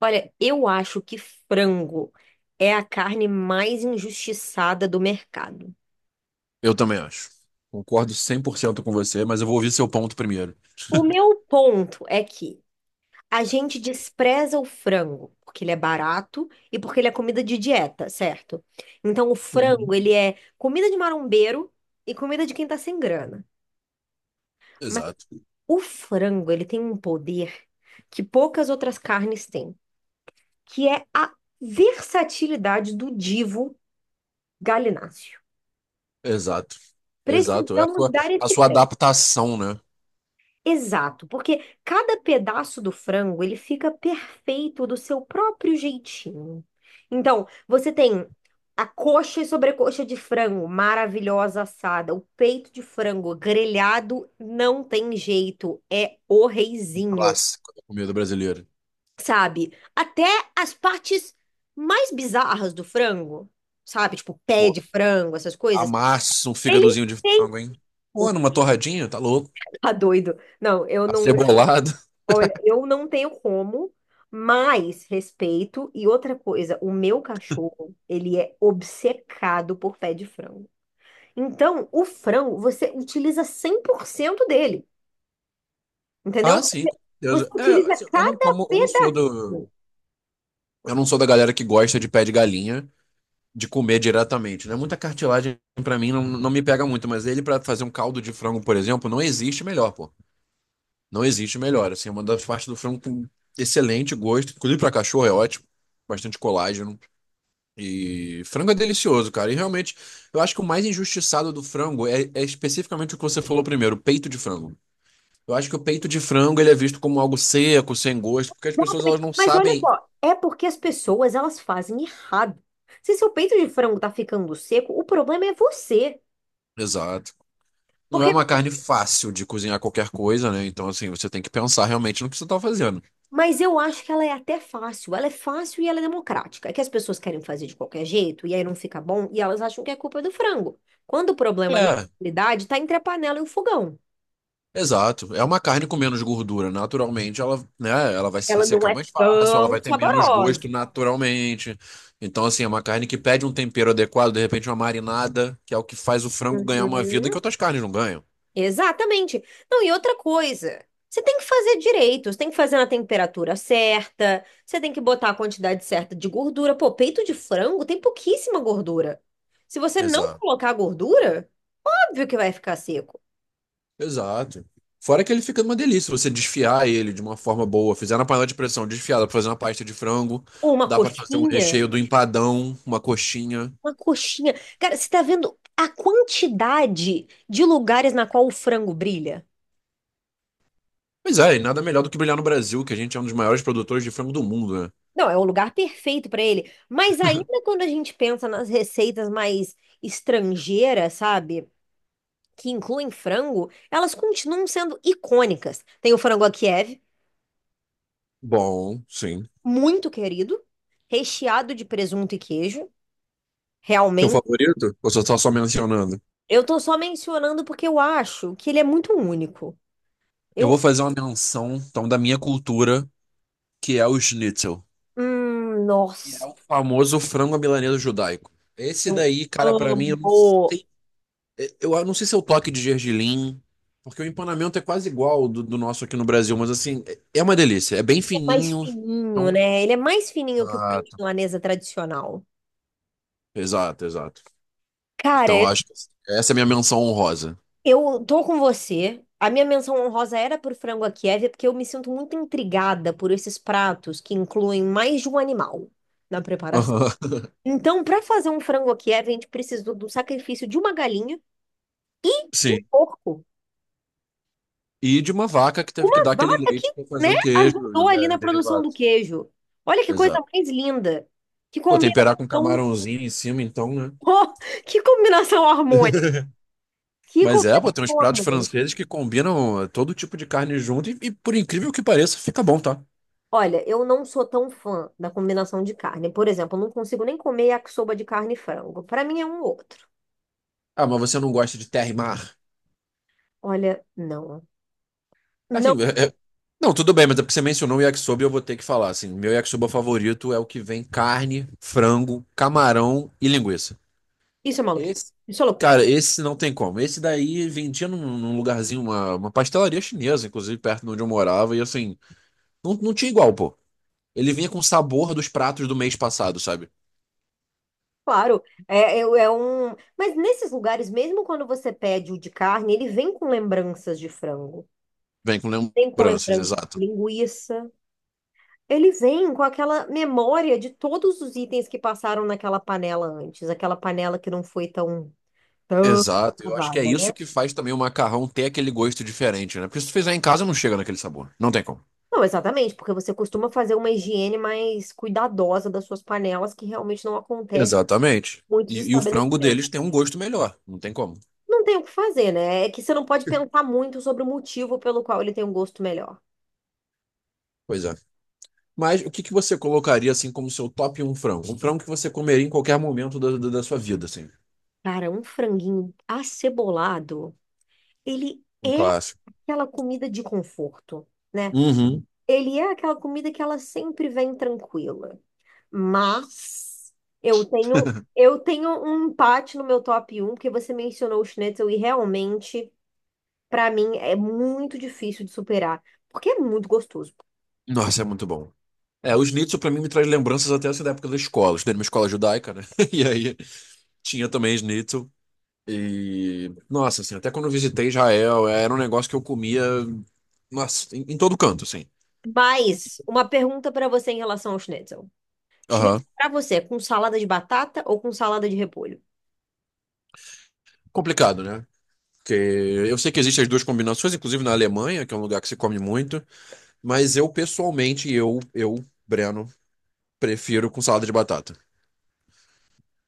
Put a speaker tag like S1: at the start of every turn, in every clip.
S1: Olha, eu acho que frango é a carne mais injustiçada do mercado.
S2: Eu também acho. Concordo 100% com você, mas eu vou ouvir seu ponto primeiro.
S1: O meu ponto é que a gente despreza o frango porque ele é barato e porque ele é comida de dieta, certo? Então o frango,
S2: Uhum.
S1: ele é comida de marombeiro e comida de quem tá sem grana. Mas
S2: Exato,
S1: o frango, ele tem um poder que poucas outras carnes têm, que é a versatilidade do divo galináceo.
S2: exato, exato. É a
S1: Precisamos
S2: sua,
S1: dar
S2: a
S1: esse.
S2: sua adaptação, né?
S1: Exato, porque cada pedaço do frango ele fica perfeito do seu próprio jeitinho. Então, você tem a coxa e sobrecoxa de frango maravilhosa assada, o peito de frango grelhado não tem jeito, é o reizinho,
S2: Clássico da comida brasileira.
S1: sabe? Até as partes mais bizarras do frango, sabe? Tipo pé
S2: Pô,
S1: de frango, essas coisas,
S2: amassa um
S1: eles
S2: fígadozinho de
S1: têm.
S2: frango, hein? Pô, numa torradinha, tá louco?
S1: Tá doido. Não, eu não.
S2: Acebolado.
S1: Olha, eu não tenho como, mas respeito. E outra coisa, o meu cachorro, ele é obcecado por pé de frango. Então, o frango, você utiliza 100% dele, entendeu?
S2: Ah, sim,
S1: Você
S2: com
S1: você
S2: certeza. É,
S1: utiliza
S2: assim, eu não
S1: cada
S2: como,
S1: pedacinho.
S2: eu não sou da galera que gosta de pé de galinha, de comer diretamente, né? Muita cartilagem pra mim não, não me pega muito, mas ele pra fazer um caldo de frango, por exemplo, não existe melhor, pô. Não existe melhor. Assim, é uma das partes do frango com excelente gosto. Inclusive para cachorro é ótimo. Bastante colágeno. E frango é delicioso, cara. E realmente, eu acho que o mais injustiçado do frango é especificamente o que você falou primeiro, o peito de frango. Eu acho que o peito de frango ele é visto como algo seco, sem gosto, porque as pessoas elas
S1: Exatamente.
S2: não
S1: Mas olha
S2: sabem.
S1: só, é porque as pessoas, elas fazem errado. Se seu peito de frango tá ficando seco, o problema é você.
S2: Exato. Não é
S1: Porque.
S2: uma carne fácil de cozinhar qualquer coisa, né? Então, assim, você tem que pensar realmente no que você tá fazendo.
S1: Mas eu acho que ela é até fácil. Ela é fácil e ela é democrática. É que as pessoas querem fazer de qualquer jeito e aí não fica bom e elas acham que é culpa é do frango. Quando o problema, na
S2: É,
S1: realidade, está entre a panela e o fogão.
S2: Exato. É uma carne com menos gordura. Naturalmente, ela, né, ela vai se
S1: Ela não
S2: ressecar
S1: é
S2: mais fácil, ela vai
S1: tão
S2: ter menos gosto
S1: saborosa.
S2: naturalmente. Então, assim, é uma carne que pede um tempero adequado, de repente uma marinada, que é o que faz o frango ganhar uma vida que
S1: Uhum.
S2: outras carnes não ganham.
S1: Exatamente. Não, e outra coisa, você tem que fazer direito, você tem que fazer na temperatura certa, você tem que botar a quantidade certa de gordura. Pô, peito de frango tem pouquíssima gordura. Se você não
S2: Exato.
S1: colocar gordura, óbvio que vai ficar seco.
S2: Exato. Fora que ele fica uma delícia. Você desfiar ele de uma forma boa, fizer na panela de pressão desfiada pra fazer uma pasta de frango,
S1: Ou uma
S2: dá pra fazer um
S1: coxinha?
S2: recheio do empadão, uma coxinha.
S1: Uma coxinha. Cara, você tá vendo a quantidade de lugares na qual o frango brilha?
S2: Pois é, e nada melhor do que brilhar no Brasil, que a gente é um dos maiores produtores de frango do mundo, né?
S1: Não, é o lugar perfeito pra ele. Mas ainda quando a gente pensa nas receitas mais estrangeiras, sabe? Que incluem frango, elas continuam sendo icônicas. Tem o frango a Kiev,
S2: Bom, sim.
S1: muito querido, recheado de presunto e queijo.
S2: Seu
S1: Realmente.
S2: favorito? Ou você tá só mencionando?
S1: Eu tô só mencionando porque eu acho que ele é muito único.
S2: Eu vou
S1: Eu.
S2: fazer uma menção, então, da minha cultura, que é o schnitzel, que é
S1: Nossa.
S2: o famoso frango à milanesa judaico. Esse
S1: Eu
S2: daí, cara, pra mim, eu não
S1: amo.
S2: sei, eu não sei se é o toque de gergelim, porque o empanamento é quase igual do nosso aqui no Brasil, mas assim, é uma delícia, é bem
S1: É mais
S2: fininho,
S1: fininho,
S2: então...
S1: né? Ele é mais fininho que o frango
S2: Exato.
S1: milanesa tradicional.
S2: Exato, exato. Então, eu
S1: Cara,
S2: acho que essa é a minha menção honrosa.
S1: eu tô com você. A minha menção honrosa era por frango à Kiev, porque eu me sinto muito intrigada por esses pratos que incluem mais de um animal na preparação.
S2: Aham.
S1: Então, para fazer um frango à Kiev, a gente precisou do sacrifício de uma galinha, de um
S2: Sim.
S1: porco,
S2: E de uma vaca que teve que
S1: uma
S2: dar aquele
S1: vaca que,
S2: leite pra
S1: né,
S2: fazer o
S1: ajudou
S2: queijo,
S1: ali
S2: né,
S1: na produção
S2: derivado.
S1: do queijo. Olha que coisa
S2: Exato.
S1: mais linda, que
S2: Pô, temperar com
S1: combinação.
S2: camarãozinho em cima, então, né?
S1: Oh, que combinação harmônica! Que
S2: Mas é, pô, tem uns
S1: combinação
S2: pratos
S1: harmônica!
S2: franceses que combinam é, todo tipo de carne junto e, por incrível que pareça, fica bom, tá?
S1: Olha, eu não sou tão fã da combinação de carne. Por exemplo, eu não consigo nem comer yakisoba de carne e frango. Para mim é um ou outro.
S2: Ah, mas você não gosta de terra e mar?
S1: Olha, não.
S2: Assim,
S1: Não,
S2: não, tudo bem, mas é porque você mencionou o yakisoba e eu vou ter que falar, assim, meu yakisoba favorito é o que vem carne, frango, camarão e linguiça.
S1: isso é maluquice.
S2: Esse,
S1: Isso é loucura.
S2: cara, esse não tem como. Esse daí vendia num lugarzinho, uma pastelaria chinesa, inclusive, perto de onde eu morava, e assim, não tinha igual, pô. Ele vinha com o sabor dos pratos do mês passado, sabe?
S1: Claro, é um. Mas nesses lugares, mesmo quando você pede o de carne, ele vem com lembranças de frango.
S2: Vem com
S1: Vem com
S2: lembranças,
S1: lembrança
S2: exato.
S1: de linguiça. Ele vem com aquela memória de todos os itens que passaram naquela panela antes, aquela panela que não foi tão
S2: Exato, eu acho que é
S1: lavada, né?
S2: isso que faz também o macarrão ter aquele gosto diferente, né? Porque se tu fizer em casa, não chega naquele sabor. Não tem como.
S1: Não, exatamente, porque você costuma fazer uma higiene mais cuidadosa das suas panelas, que realmente não acontece
S2: Exatamente.
S1: em muitos
S2: E o frango
S1: estabelecimentos.
S2: deles tem um gosto melhor. Não tem como.
S1: Não tem o que fazer, né? É que você não pode pensar muito sobre o motivo pelo qual ele tem um gosto melhor.
S2: Pois é. Mas o que que você colocaria, assim, como seu top um frango? Um frango que você comeria em qualquer momento da sua vida, assim.
S1: Cara, um franguinho acebolado, ele
S2: Um
S1: é
S2: clássico.
S1: aquela comida de conforto, né?
S2: Uhum.
S1: Ele é aquela comida que ela sempre vem tranquila. Mas eu tenho um empate no meu top um porque você mencionou o Schnitzel e realmente, pra mim, é muito difícil de superar, porque é muito gostoso.
S2: Nossa, é muito bom. É, o schnitzel pra mim me traz lembranças até essa da época da escola. Eu estudei numa escola judaica, né? E aí tinha também schnitzel. E, nossa, assim, até quando eu visitei Israel, era um negócio que eu comia, nossa, em todo canto, assim.
S1: Mas uma pergunta pra você em relação ao Schnitzel. Schnitzel
S2: Aham.
S1: pra você, é com salada de batata ou com salada de repolho?
S2: Complicado, né? Porque eu sei que existem as duas combinações, inclusive na Alemanha, que é um lugar que se come muito, mas eu pessoalmente, Breno, prefiro com salada de batata.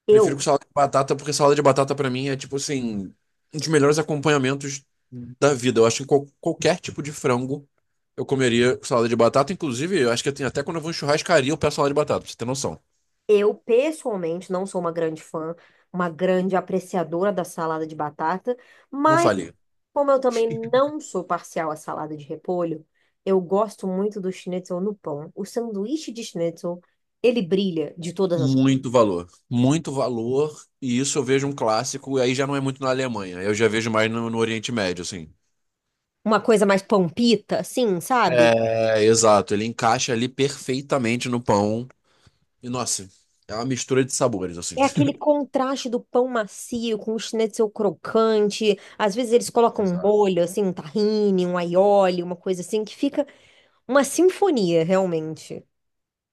S2: Prefiro com
S1: Eu,
S2: salada de batata porque salada de batata pra mim é tipo assim, um dos melhores acompanhamentos da vida. Eu acho que qualquer tipo de frango eu comeria com salada de batata, inclusive, eu acho que tem até quando eu vou em churrascaria eu peço salada de batata, pra você ter noção.
S1: eu pessoalmente não sou uma grande fã, uma grande apreciadora da salada de batata,
S2: Não
S1: mas
S2: falia.
S1: como eu também não sou parcial à salada de repolho, eu gosto muito do schnitzel no pão. O sanduíche de schnitzel, ele brilha de todas as...
S2: Muito valor. Muito valor. E isso eu vejo um clássico, e aí já não é muito na Alemanha. Eu já vejo mais no Oriente Médio, assim.
S1: Uma coisa mais pampita, assim, sabe?
S2: É, exato. Ele encaixa ali perfeitamente no pão. E, nossa, é uma mistura de sabores, assim.
S1: É aquele contraste do pão macio com o schnitzel crocante. Às vezes eles colocam um
S2: Exato.
S1: molho, assim, um tahine, um aioli, uma coisa assim, que fica uma sinfonia, realmente.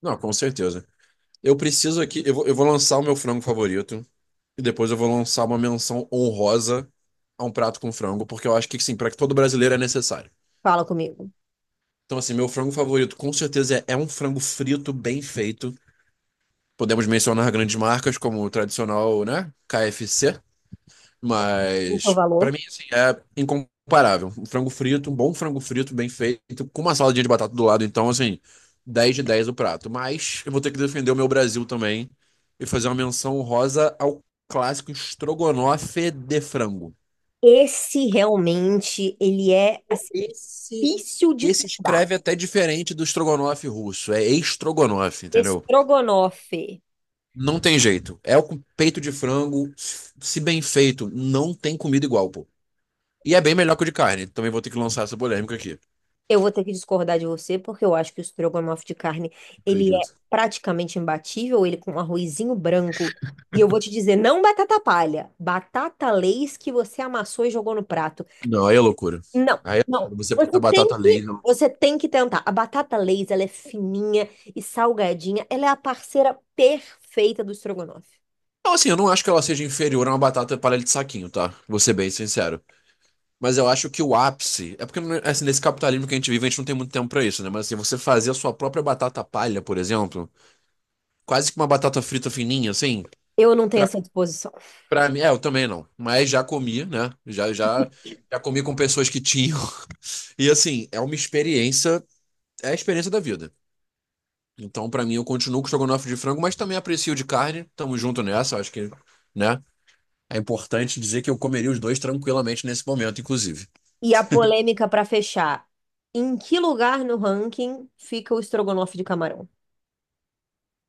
S2: Não, com certeza. Eu preciso aqui, eu vou lançar o meu frango favorito. E depois eu vou lançar uma menção honrosa a um prato com frango, porque eu acho que, sim, para todo brasileiro é necessário.
S1: Fala comigo.
S2: Então, assim, meu frango favorito com certeza é um frango frito bem feito. Podemos mencionar grandes marcas como o tradicional, né? KFC,
S1: O seu
S2: mas pra
S1: valor?
S2: mim assim, é incomparável. Um frango frito, um bom frango frito bem feito, com uma saladinha de batata do lado, então assim, 10 de 10 o prato. Mas eu vou ter que defender o meu Brasil também e fazer uma menção honrosa ao clássico estrogonofe de frango.
S1: Esse realmente, ele é
S2: Pô,
S1: assim,
S2: Esse,
S1: difícil de
S2: esse
S1: tombar.
S2: escreve até diferente do estrogonofe russo, é estrogonofe, entendeu?
S1: Estrogonofe.
S2: Não tem jeito. É o peito de frango, se bem feito, não tem comida igual, pô. E é bem melhor que o de carne. Também vou ter que lançar essa polêmica aqui.
S1: Eu vou ter que discordar de você, porque eu acho que o estrogonofe de carne, ele é
S2: Acredito.
S1: praticamente imbatível, ele com um arrozinho branco. E eu vou te dizer, não batata palha, batata Lay's que você amassou e jogou no prato.
S2: Não, aí é loucura.
S1: Não,
S2: Aí é
S1: não.
S2: loucura. Você botar batata laser. Não.
S1: Você tem que tentar. A batata Lay's, ela é fininha e salgadinha, ela é a parceira perfeita do estrogonofe.
S2: Então, assim, eu não acho que ela seja inferior a uma batata palha de saquinho, tá? Vou ser bem sincero. Mas eu acho que o ápice. É porque, assim, nesse capitalismo que a gente vive, a gente não tem muito tempo pra isso, né? Mas, assim, você fazer a sua própria batata palha, por exemplo, quase que uma batata frita fininha, assim.
S1: Eu não tenho essa disposição.
S2: Pra mim, é, eu também não. Mas já comi, né? Já comi com pessoas que tinham. E assim, é uma experiência, é a experiência da vida. Então, pra mim, eu continuo com estrogonofe de frango, mas também aprecio de carne. Tamo junto nessa, acho que, né? É importante dizer que eu comeria os dois tranquilamente nesse momento, inclusive.
S1: E a polêmica para fechar. Em que lugar no ranking fica o estrogonofe de camarão?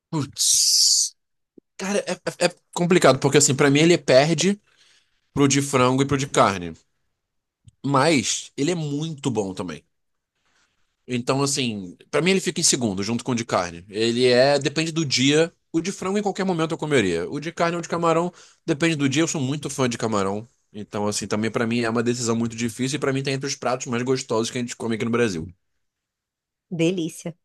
S2: Putz. Cara, é complicado, porque assim, pra mim ele perde pro de frango e pro de carne. Mas ele é muito bom também. Então, assim, pra mim ele fica em segundo, junto com o de carne. Ele é, depende do dia. O de frango em qualquer momento eu comeria. O de carne ou de camarão, depende do dia. Eu sou muito fã de camarão. Então, assim, também pra mim é uma decisão muito difícil e pra mim tá entre os pratos mais gostosos que a gente come aqui no Brasil.
S1: Delícia.